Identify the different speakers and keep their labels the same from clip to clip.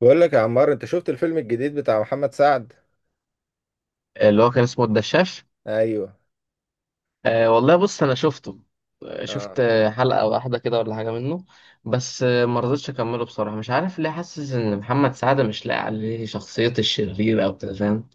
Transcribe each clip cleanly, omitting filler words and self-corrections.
Speaker 1: بقول لك يا عمار، انت شفت الفيلم الجديد بتاع محمد سعد؟
Speaker 2: اللي هو كان اسمه الدشاش.
Speaker 1: ايوه.
Speaker 2: أه، والله بص انا شفته. آه، شفت،
Speaker 1: اه.
Speaker 2: حلقة واحدة كده ولا حاجة منه. بس ما رضيتش اكمله بصراحة، مش عارف ليه، حاسس ان محمد سعد مش لاقي عليه شخصية الشرير او كده، فاهم؟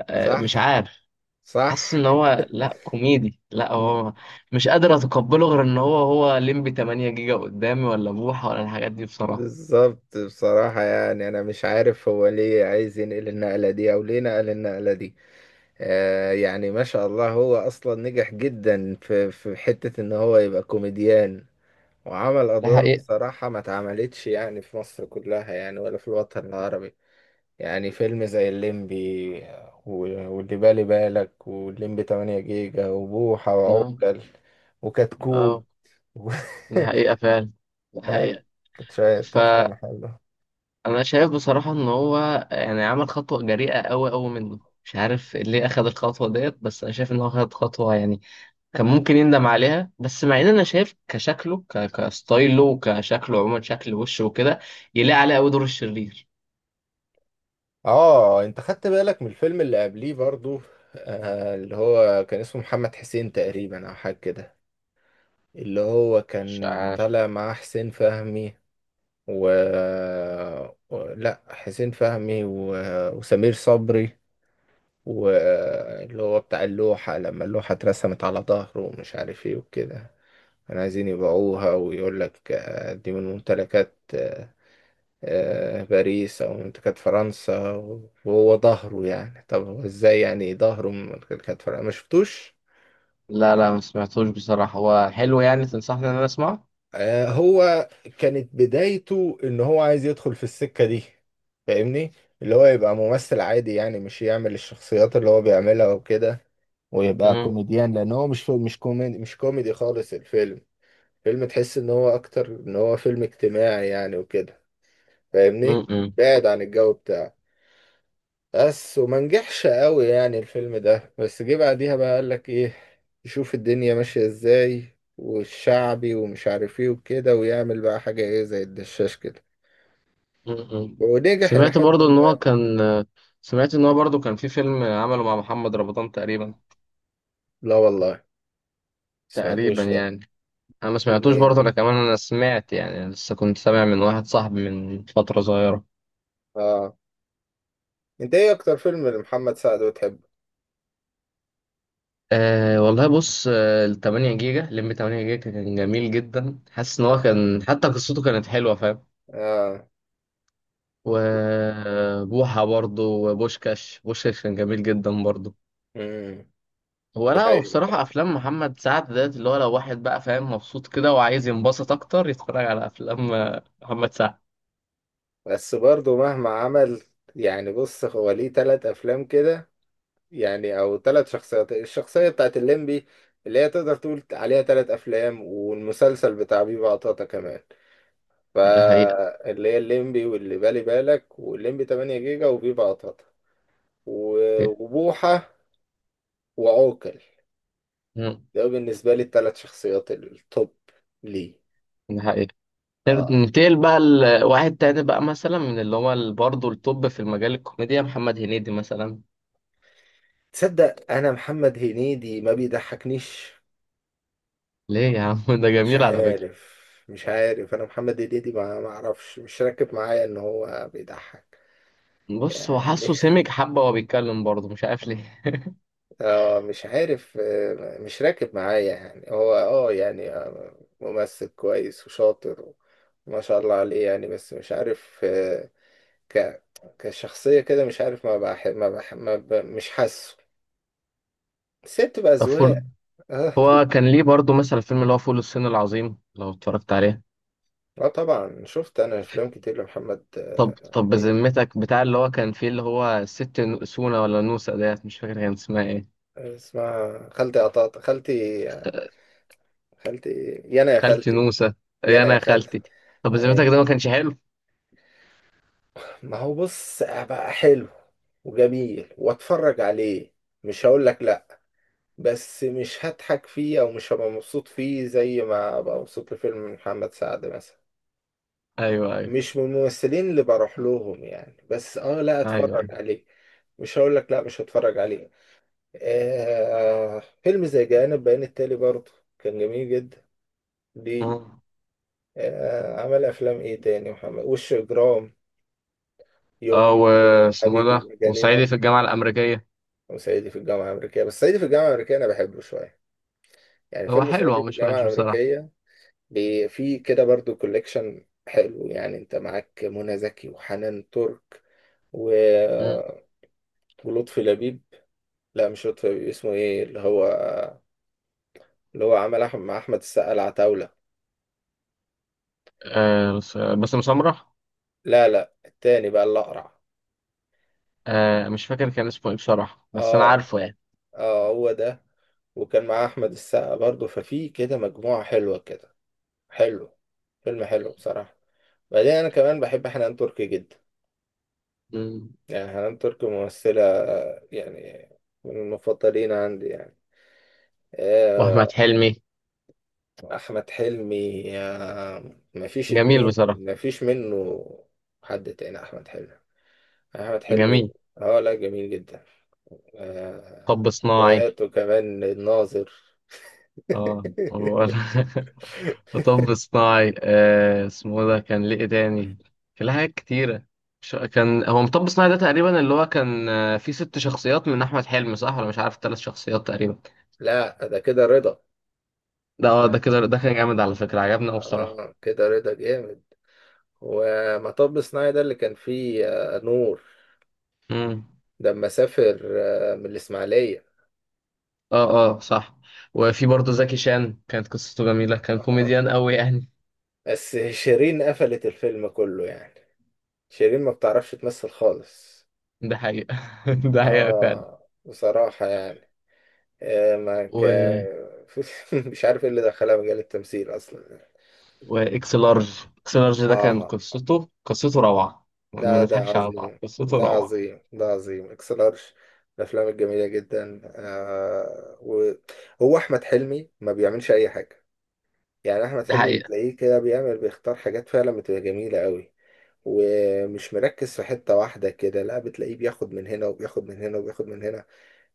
Speaker 2: مش
Speaker 1: صح.
Speaker 2: عارف.
Speaker 1: صح.
Speaker 2: حاسس ان هو لا كوميدي لا هو، مش قادر اتقبله غير ان هو ليمبي 8 جيجا قدامي، ولا بوحة، ولا الحاجات دي بصراحة.
Speaker 1: بالظبط، بصراحة يعني انا مش عارف هو ليه عايز ينقل النقلة دي او ليه نقل النقلة دي. يعني ما شاء الله هو اصلا نجح جدا في حتة ان هو يبقى كوميديان، وعمل
Speaker 2: ده
Speaker 1: ادوار
Speaker 2: حقيقة.
Speaker 1: بصراحة ما اتعملتش يعني في مصر كلها، يعني ولا في الوطن العربي. يعني فيلم زي الليمبي واللي بالي بالك، والليمبي 8 جيجا وبوحة
Speaker 2: اه،
Speaker 1: وعوكل وكتكوت
Speaker 2: اه،
Speaker 1: و...
Speaker 2: ده حقيقة فعلا. ده
Speaker 1: لا،
Speaker 2: حقيقة.
Speaker 1: كانت شوية
Speaker 2: ف
Speaker 1: أفلام حلوة.
Speaker 2: انا شايف بصراحة ان هو يعني عمل خطوة جريئة قوي قوي منه، مش عارف ليه اخد الخطوة ديت، بس انا شايف ان هو اخد خطوة يعني كان ممكن يندم عليها. بس مع ان انا شايف كشكله كستايله وكشكله عموما، شكل وشه وكده، يلاقي عليه قوي دور الشرير.
Speaker 1: اه، انت خدت بالك من الفيلم اللي قبليه برضو؟ آه، اللي هو كان اسمه محمد حسين تقريبا او حاجة كده، اللي هو
Speaker 2: مش
Speaker 1: كان
Speaker 2: عارف.
Speaker 1: طالع مع حسين فهمي و... و... لا، حسين فهمي و... وسمير صبري، واللي هو بتاع اللوحة، لما اللوحة اترسمت على ظهره ومش عارف ايه وكده، كانوا عايزين يبيعوها ويقول لك دي من ممتلكات باريس أو ممتلكات فرنسا، وهو ظهره، يعني طب هو ازاي يعني ظهره من ممتلكات فرنسا؟ ما شفتوش؟
Speaker 2: لا، لا، ما سمعتوش بصراحة، هو حلو يعني؟ تنصحني ان انا اسمعه؟
Speaker 1: هو كانت بدايته ان هو عايز يدخل في السكة دي، فاهمني؟ اللي هو يبقى ممثل عادي يعني، مش يعمل الشخصيات اللي هو بيعملها وكده، ويبقى
Speaker 2: مم.
Speaker 1: كوميديان، لان هو مش كوميدي، مش كوميدي خالص الفيلم. فيلم تحس ان هو اكتر ان هو فيلم اجتماعي يعني وكده، فاهمني؟
Speaker 2: مم. مم.
Speaker 1: بعد عن الجو بتاعه، بس وما نجحش قوي يعني الفيلم ده، بس جه بعديها بقى قال لك ايه، يشوف الدنيا ماشية ازاي، والشعبي ومش عارف ايه وكده، ويعمل بقى حاجة ايه زي الدشاش كده،
Speaker 2: مم.
Speaker 1: ونجح الى
Speaker 2: سمعت
Speaker 1: حد
Speaker 2: برضو ان هو
Speaker 1: ما.
Speaker 2: كان سمعت ان هو برضو كان في فيلم عمله مع محمد رمضان تقريبا.
Speaker 1: لا والله، ما
Speaker 2: تقريبا
Speaker 1: سمعتوش ده.
Speaker 2: يعني. انا ما
Speaker 1: فيلم
Speaker 2: سمعتوش
Speaker 1: ايه
Speaker 2: برضه،
Speaker 1: ده؟
Speaker 2: انا كمان انا سمعت يعني لسه كنت سامع من واحد صاحبي من فترة صغيرة.
Speaker 1: اه. انت ايه اكتر فيلم لمحمد سعد بتحبه؟
Speaker 2: أه، والله بص، ال 8 جيجا لم 8 جيجا كان جميل جدا، حاسس ان هو
Speaker 1: اه.
Speaker 2: كان حتى قصته كانت حلوة، فاهم؟
Speaker 1: آه.
Speaker 2: وبوحة برضه، وبوشكاش كان جميل جدا برضه.
Speaker 1: مم.
Speaker 2: هو
Speaker 1: دي
Speaker 2: لا هو
Speaker 1: حقيقة
Speaker 2: بصراحة،
Speaker 1: فعلا.
Speaker 2: أفلام محمد سعد ديت اللي هو، لو واحد بقى فاهم مبسوط كده وعايز ينبسط أكتر، يتفرج على أفلام محمد سعد.
Speaker 1: بس برضه مهما عمل، يعني بص، هو ليه تلات أفلام كده، يعني أو تلات شخصيات. الشخصية بتاعت الليمبي اللي هي تقدر تقول عليها تلات أفلام، والمسلسل بتاع بيبا عطاطا كمان.
Speaker 2: ده حقيقة.
Speaker 1: فاللي هي الليمبي، واللي بالي بالك، والليمبي 8 جيجا، وبيبا عطاطا، وبوحة، وعوكل، ده بالنسبة لي التلات شخصيات التوب. ليه؟
Speaker 2: ده حقيقة.
Speaker 1: آه.
Speaker 2: ننتقل بقى لواحد تاني بقى، مثلا، من اللي هو برضه التوب في المجال الكوميديا، محمد هنيدي مثلا.
Speaker 1: تصدق أنا محمد هنيدي ما بيضحكنيش؟
Speaker 2: ليه يا عم؟ ده
Speaker 1: مش
Speaker 2: جميل على فكرة.
Speaker 1: عارف. مش عارف، انا محمد هنيدي ما اعرفش، مش راكب معايا ان هو بيضحك
Speaker 2: بص، هو
Speaker 1: يعني.
Speaker 2: حاسه سمج حبة وهو بيتكلم برضه، مش عارف ليه.
Speaker 1: اه، مش عارف، مش راكب معايا يعني، هو اه يعني، ممثل كويس وشاطر، ما شاء الله عليه يعني، بس مش عارف، آه، ك كشخصية كده، مش عارف، ما بح... ما, بح... ما ب... مش حاسه. بس هي بتبقى
Speaker 2: طب،
Speaker 1: أذواق. اه.
Speaker 2: هو كان ليه برضه مثلا الفيلم اللي هو فول الصين العظيم لو اتفرجت عليه؟
Speaker 1: آه طبعا، شفت أنا أفلام كتير لمحمد
Speaker 2: طب طب
Speaker 1: هنيدي.
Speaker 2: بذمتك، بتاع اللي هو كان فيه اللي هو الست سونا، ولا نوسة ديت؟ مش فاكر كان اسمها ايه.
Speaker 1: اسمها خالتي قطاطة، خالتي، خالتي ايه، يا انا يا
Speaker 2: خالتي
Speaker 1: خالتي،
Speaker 2: نوسة.
Speaker 1: يا
Speaker 2: ايه،
Speaker 1: انا
Speaker 2: انا
Speaker 1: يا
Speaker 2: يا
Speaker 1: خالتي.
Speaker 2: خالتي. طب بذمتك،
Speaker 1: ايه؟
Speaker 2: ده ما كانش حلو؟
Speaker 1: ما هو بص، بقى حلو وجميل واتفرج عليه، مش هقول لك لا، بس مش هضحك فيه او مش هبقى مبسوط فيه زي ما ابقى مبسوط لفيلم محمد سعد مثلا.
Speaker 2: ايوه، ايوه.
Speaker 1: مش من الممثلين اللي بروح لهم يعني، بس اه لا
Speaker 2: ايوه،
Speaker 1: اتفرج عليه، مش هقول لك لا مش هتفرج عليه. آه فيلم زي جانب بيان التالي برضه كان جميل جدا. ليه؟
Speaker 2: ايوه.
Speaker 1: آه عمل افلام ايه تاني؟ محمد وش اجرام، يوم،
Speaker 2: اه، واسمه
Speaker 1: حبيبي
Speaker 2: ده، وصعيدي
Speaker 1: مجانين،
Speaker 2: في الجامعة الأمريكية.
Speaker 1: وصعيدي في الجامعة الأمريكية. بس صعيدي في الجامعة الأمريكية أنا بحبه شوية، يعني
Speaker 2: هو
Speaker 1: فيلم
Speaker 2: حلو،
Speaker 1: صعيدي
Speaker 2: هو
Speaker 1: في
Speaker 2: مش
Speaker 1: الجامعة
Speaker 2: وحش بصراحة.
Speaker 1: الأمريكية، فيه كده برضو كوليكشن حلو يعني، أنت معاك منى زكي وحنان ترك
Speaker 2: مم.
Speaker 1: و- ولطفي لبيب. لا مش لطفي لبيب، اسمه إيه اللي هو، اللي هو عمل أحمد مع أحمد السقا، العتاولة.
Speaker 2: بس، مسمرح.
Speaker 1: لا لا التاني بقى، اللي أقرع.
Speaker 2: مش فاكر كان اسمه ايه بصراحة، بس أنا
Speaker 1: آه.
Speaker 2: عارفه يعني.
Speaker 1: آه هو ده. وكان معاه أحمد السقا برضو، ففي كده مجموعة حلوة كده، حلو، فيلم حلو بصراحة. بعدين أنا كمان بحب حنان تركي جدا،
Speaker 2: مم.
Speaker 1: يعني حنان تركي ممثلة يعني من المفضلين عندي يعني.
Speaker 2: وأحمد
Speaker 1: آه،
Speaker 2: حلمي.
Speaker 1: أحمد حلمي، مفيش
Speaker 2: جميل
Speaker 1: اتنين،
Speaker 2: بصراحة.
Speaker 1: مفيش منه. حد تاني أحمد حلمي؟ أحمد حلمي،
Speaker 2: جميل.
Speaker 1: اه لا جميل جدا.
Speaker 2: طب صناعي.
Speaker 1: حكاياته كمان، الناظر.
Speaker 2: اه هو- طب صناعي، اسمه ده كان ليه إيه تاني؟ كان ليه حاجات كتيرة. كان هو مطب صناعي ده تقريبا اللي هو كان، فيه 6 شخصيات من أحمد حلمي، صح؟ ولا مش عارف، 3 شخصيات تقريبا.
Speaker 1: لا ده كده رضا.
Speaker 2: ده اه ده كده ده كان جامد على فكرة، عجبني أوي بصراحة.
Speaker 1: اه كده رضا جامد. ومطب صناعي ده اللي كان فيه نور،
Speaker 2: امم
Speaker 1: لما سافر من الإسماعيلية.
Speaker 2: اه، اه، صح. وفي برضه زكي شان كانت قصته جميلة، كان
Speaker 1: آه.
Speaker 2: كوميديان أوي يعني.
Speaker 1: بس شيرين قفلت الفيلم كله يعني، شيرين ما بتعرفش تمثل خالص.
Speaker 2: ده حقيقة. ده حقيقة فعلا.
Speaker 1: اه، بصراحة يعني، آه ما ك...
Speaker 2: و...
Speaker 1: مش عارف ايه اللي دخلها مجال التمثيل اصلا.
Speaker 2: وإكس لارج ده كان
Speaker 1: اه
Speaker 2: قصته روعة. ما
Speaker 1: لا ده
Speaker 2: نضحكش على بعض،
Speaker 1: عظيم،
Speaker 2: قصته
Speaker 1: ده
Speaker 2: روعة.
Speaker 1: عظيم، ده عظيم اكس لارج، الافلام الجميلة جدا آه. وهو احمد حلمي ما بيعملش اي حاجة، يعني احمد
Speaker 2: ده
Speaker 1: حلمي
Speaker 2: حقيقة.
Speaker 1: تلاقيه كده بيعمل، بيختار حاجات فعلا بتبقى جميلة قوي، ومش مركز في حتة واحدة كده، لا بتلاقيه بياخد من هنا، وبياخد من هنا، وبياخد من هنا،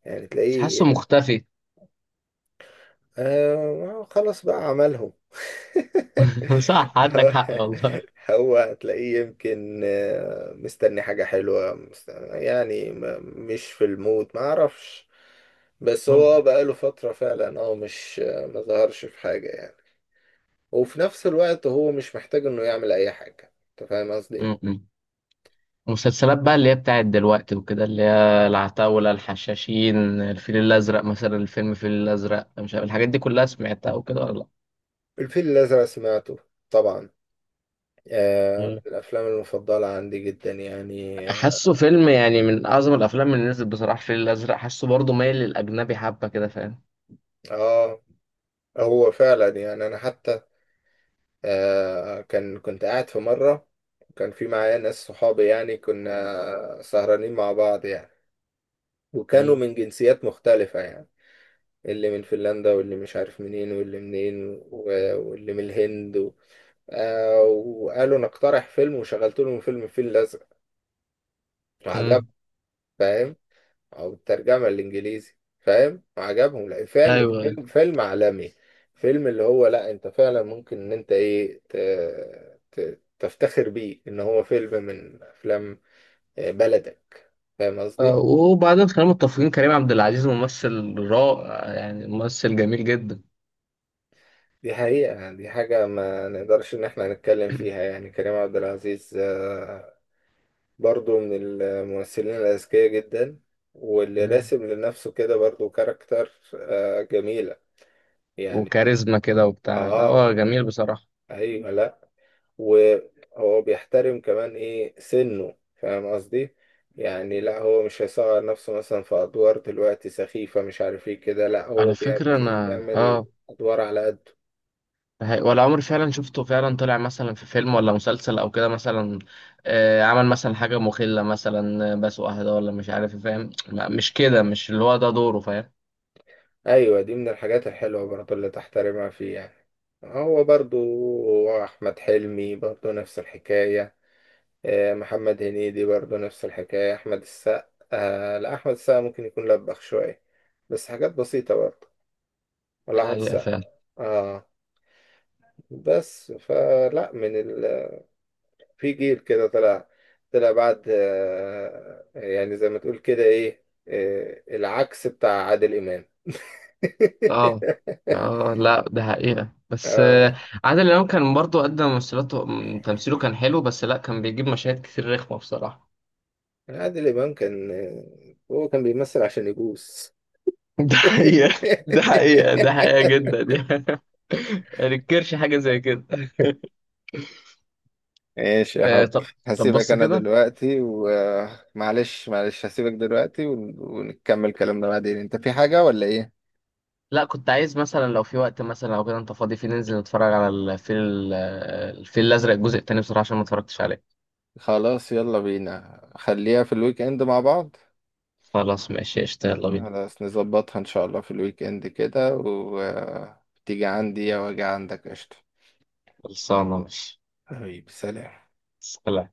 Speaker 1: يعني
Speaker 2: بس حاسه
Speaker 1: تلاقيه.
Speaker 2: مختفي.
Speaker 1: آه خلاص، بقى عملهم.
Speaker 2: صح، عندك
Speaker 1: هو
Speaker 2: حق والله.
Speaker 1: هو تلاقيه يمكن مستني حاجة حلوة، يعني مش في المود، ما اعرفش. بس هو
Speaker 2: ممكن.
Speaker 1: بقاله فترة فعلا اه، مش ما ظهرش في حاجة يعني. وفي نفس الوقت هو مش محتاج انه يعمل اي حاجة. انت فاهم قصدي؟
Speaker 2: م-
Speaker 1: إيه؟
Speaker 2: م. مسلسلات بقى اللي هي بتاعت دلوقتي وكده، اللي هي العتاولة، الحشاشين. الفيل الأزرق مثلا، الفيل الأزرق، مش عارف الحاجات دي كلها سمعتها وكده ولا لأ؟
Speaker 1: الفيل الازرق سمعته، طبعا، من
Speaker 2: مم.
Speaker 1: الأفلام المفضلة عندي جدا يعني.
Speaker 2: حاسه فيلم يعني من أعظم الأفلام اللي نزلت بصراحة، الفيل الأزرق حاسه برضه مايل للأجنبي حبة كده، فاهم؟
Speaker 1: آه هو فعلا يعني، أنا حتى كان كنت قاعد في مرة، كان في معايا ناس، صحابي يعني، كنا سهرانين مع بعض يعني، وكانوا
Speaker 2: مم.
Speaker 1: من جنسيات مختلفة يعني، اللي من فنلندا، واللي مش عارف منين، واللي منين، واللي من الهند و... آه وقالوا نقترح فيلم، وشغلت لهم فيلم الفيل الأزرق. عجب.
Speaker 2: مم.
Speaker 1: فاهم؟ او الترجمه الانجليزي، فاهم؟ وعجبهم، لا فعلا
Speaker 2: ايوه، أيوة.
Speaker 1: فيلم، فيلم عالمي. فيلم اللي هو لا، انت فعلا ممكن ان انت ايه تفتخر بيه، ان هو فيلم من افلام بلدك. فاهم قصدي؟
Speaker 2: وبعدين خلينا متفقين، كريم عبد العزيز ممثل رائع يعني، ممثل جميل جدا.
Speaker 1: دي حقيقة يعني، دي حاجة ما نقدرش ان احنا نتكلم فيها يعني، كريم عبد العزيز برضو من الممثلين الاذكياء جدا، واللي
Speaker 2: مم.
Speaker 1: راسم لنفسه كده برضو كاركتر جميلة يعني.
Speaker 2: وكاريزما كده وبتاع، لا هو
Speaker 1: اه.
Speaker 2: جميل بصراحة.
Speaker 1: ايوه لا. وهو بيحترم كمان ايه سنه، فاهم قصدي؟ يعني لا هو مش هيصغر نفسه مثلا في ادوار دلوقتي سخيفة مش عارف ايه كده، لا هو
Speaker 2: على فكرة
Speaker 1: بتلاقيه
Speaker 2: أنا
Speaker 1: بيعمل ادوار على قده.
Speaker 2: ولا عمري فعلا شفته، فعلا طلع مثلا في فيلم ولا مسلسل او كده مثلا. عمل مثلا حاجة مخلة مثلا، بسوق أهدى ولا مش عارف إيه، فاهم؟ مش كده، مش اللي هو ده دوره، فاهم؟
Speaker 1: ايوه دي من الحاجات الحلوة برضو اللي تحترمها فيه يعني. هو برضو، احمد حلمي برضو نفس الحكاية، محمد هنيدي برضو نفس الحكاية، احمد السقا، لا احمد السقا ممكن يكون لبخ شوية، بس حاجات بسيطة برضو،
Speaker 2: ده
Speaker 1: ولا احمد
Speaker 2: حقيقة
Speaker 1: السقا.
Speaker 2: فعلا.
Speaker 1: اه. بس فلا في جيل كده طلع، طلع بعد يعني زي ما تقول كده ايه، العكس بتاع عادل امام.
Speaker 2: اه، اه، لا ده حقيقة بس،
Speaker 1: اه.
Speaker 2: عادل إمام كان برضه قدم ممثلاته، تمثيله كان حلو، بس لا كان بيجيب مشاهد كتير رخمة بصراحة.
Speaker 1: عادل امام كان هو كان بيمثل عشان يبوس.
Speaker 2: ده حقيقة. ده حقيقة، ده حقيقة جدا يعني. ما ننكرش حاجة زي كده.
Speaker 1: ايش يا حب.
Speaker 2: طب، طب
Speaker 1: هسيبك
Speaker 2: بص
Speaker 1: انا
Speaker 2: كده.
Speaker 1: دلوقتي، ومعلش معلش هسيبك دلوقتي ونكمل كلامنا بعدين. انت في حاجة ولا ايه؟
Speaker 2: لا، كنت عايز مثلا لو في وقت مثلا او كده انت فاضي فيه، ننزل نتفرج على الفيل الازرق الجزء التاني بصراحه، عشان ما اتفرجتش عليه.
Speaker 1: خلاص يلا بينا، خليها في الويك اند مع بعض.
Speaker 2: خلاص ماشي قشطة، يلا بينا.
Speaker 1: خلاص نظبطها ان شاء الله في الويك اند كده، وتيجي عندي او اجي عندك. قشطة.
Speaker 2: خلصانه ماشي.
Speaker 1: حبيبي سلام.
Speaker 2: سلام.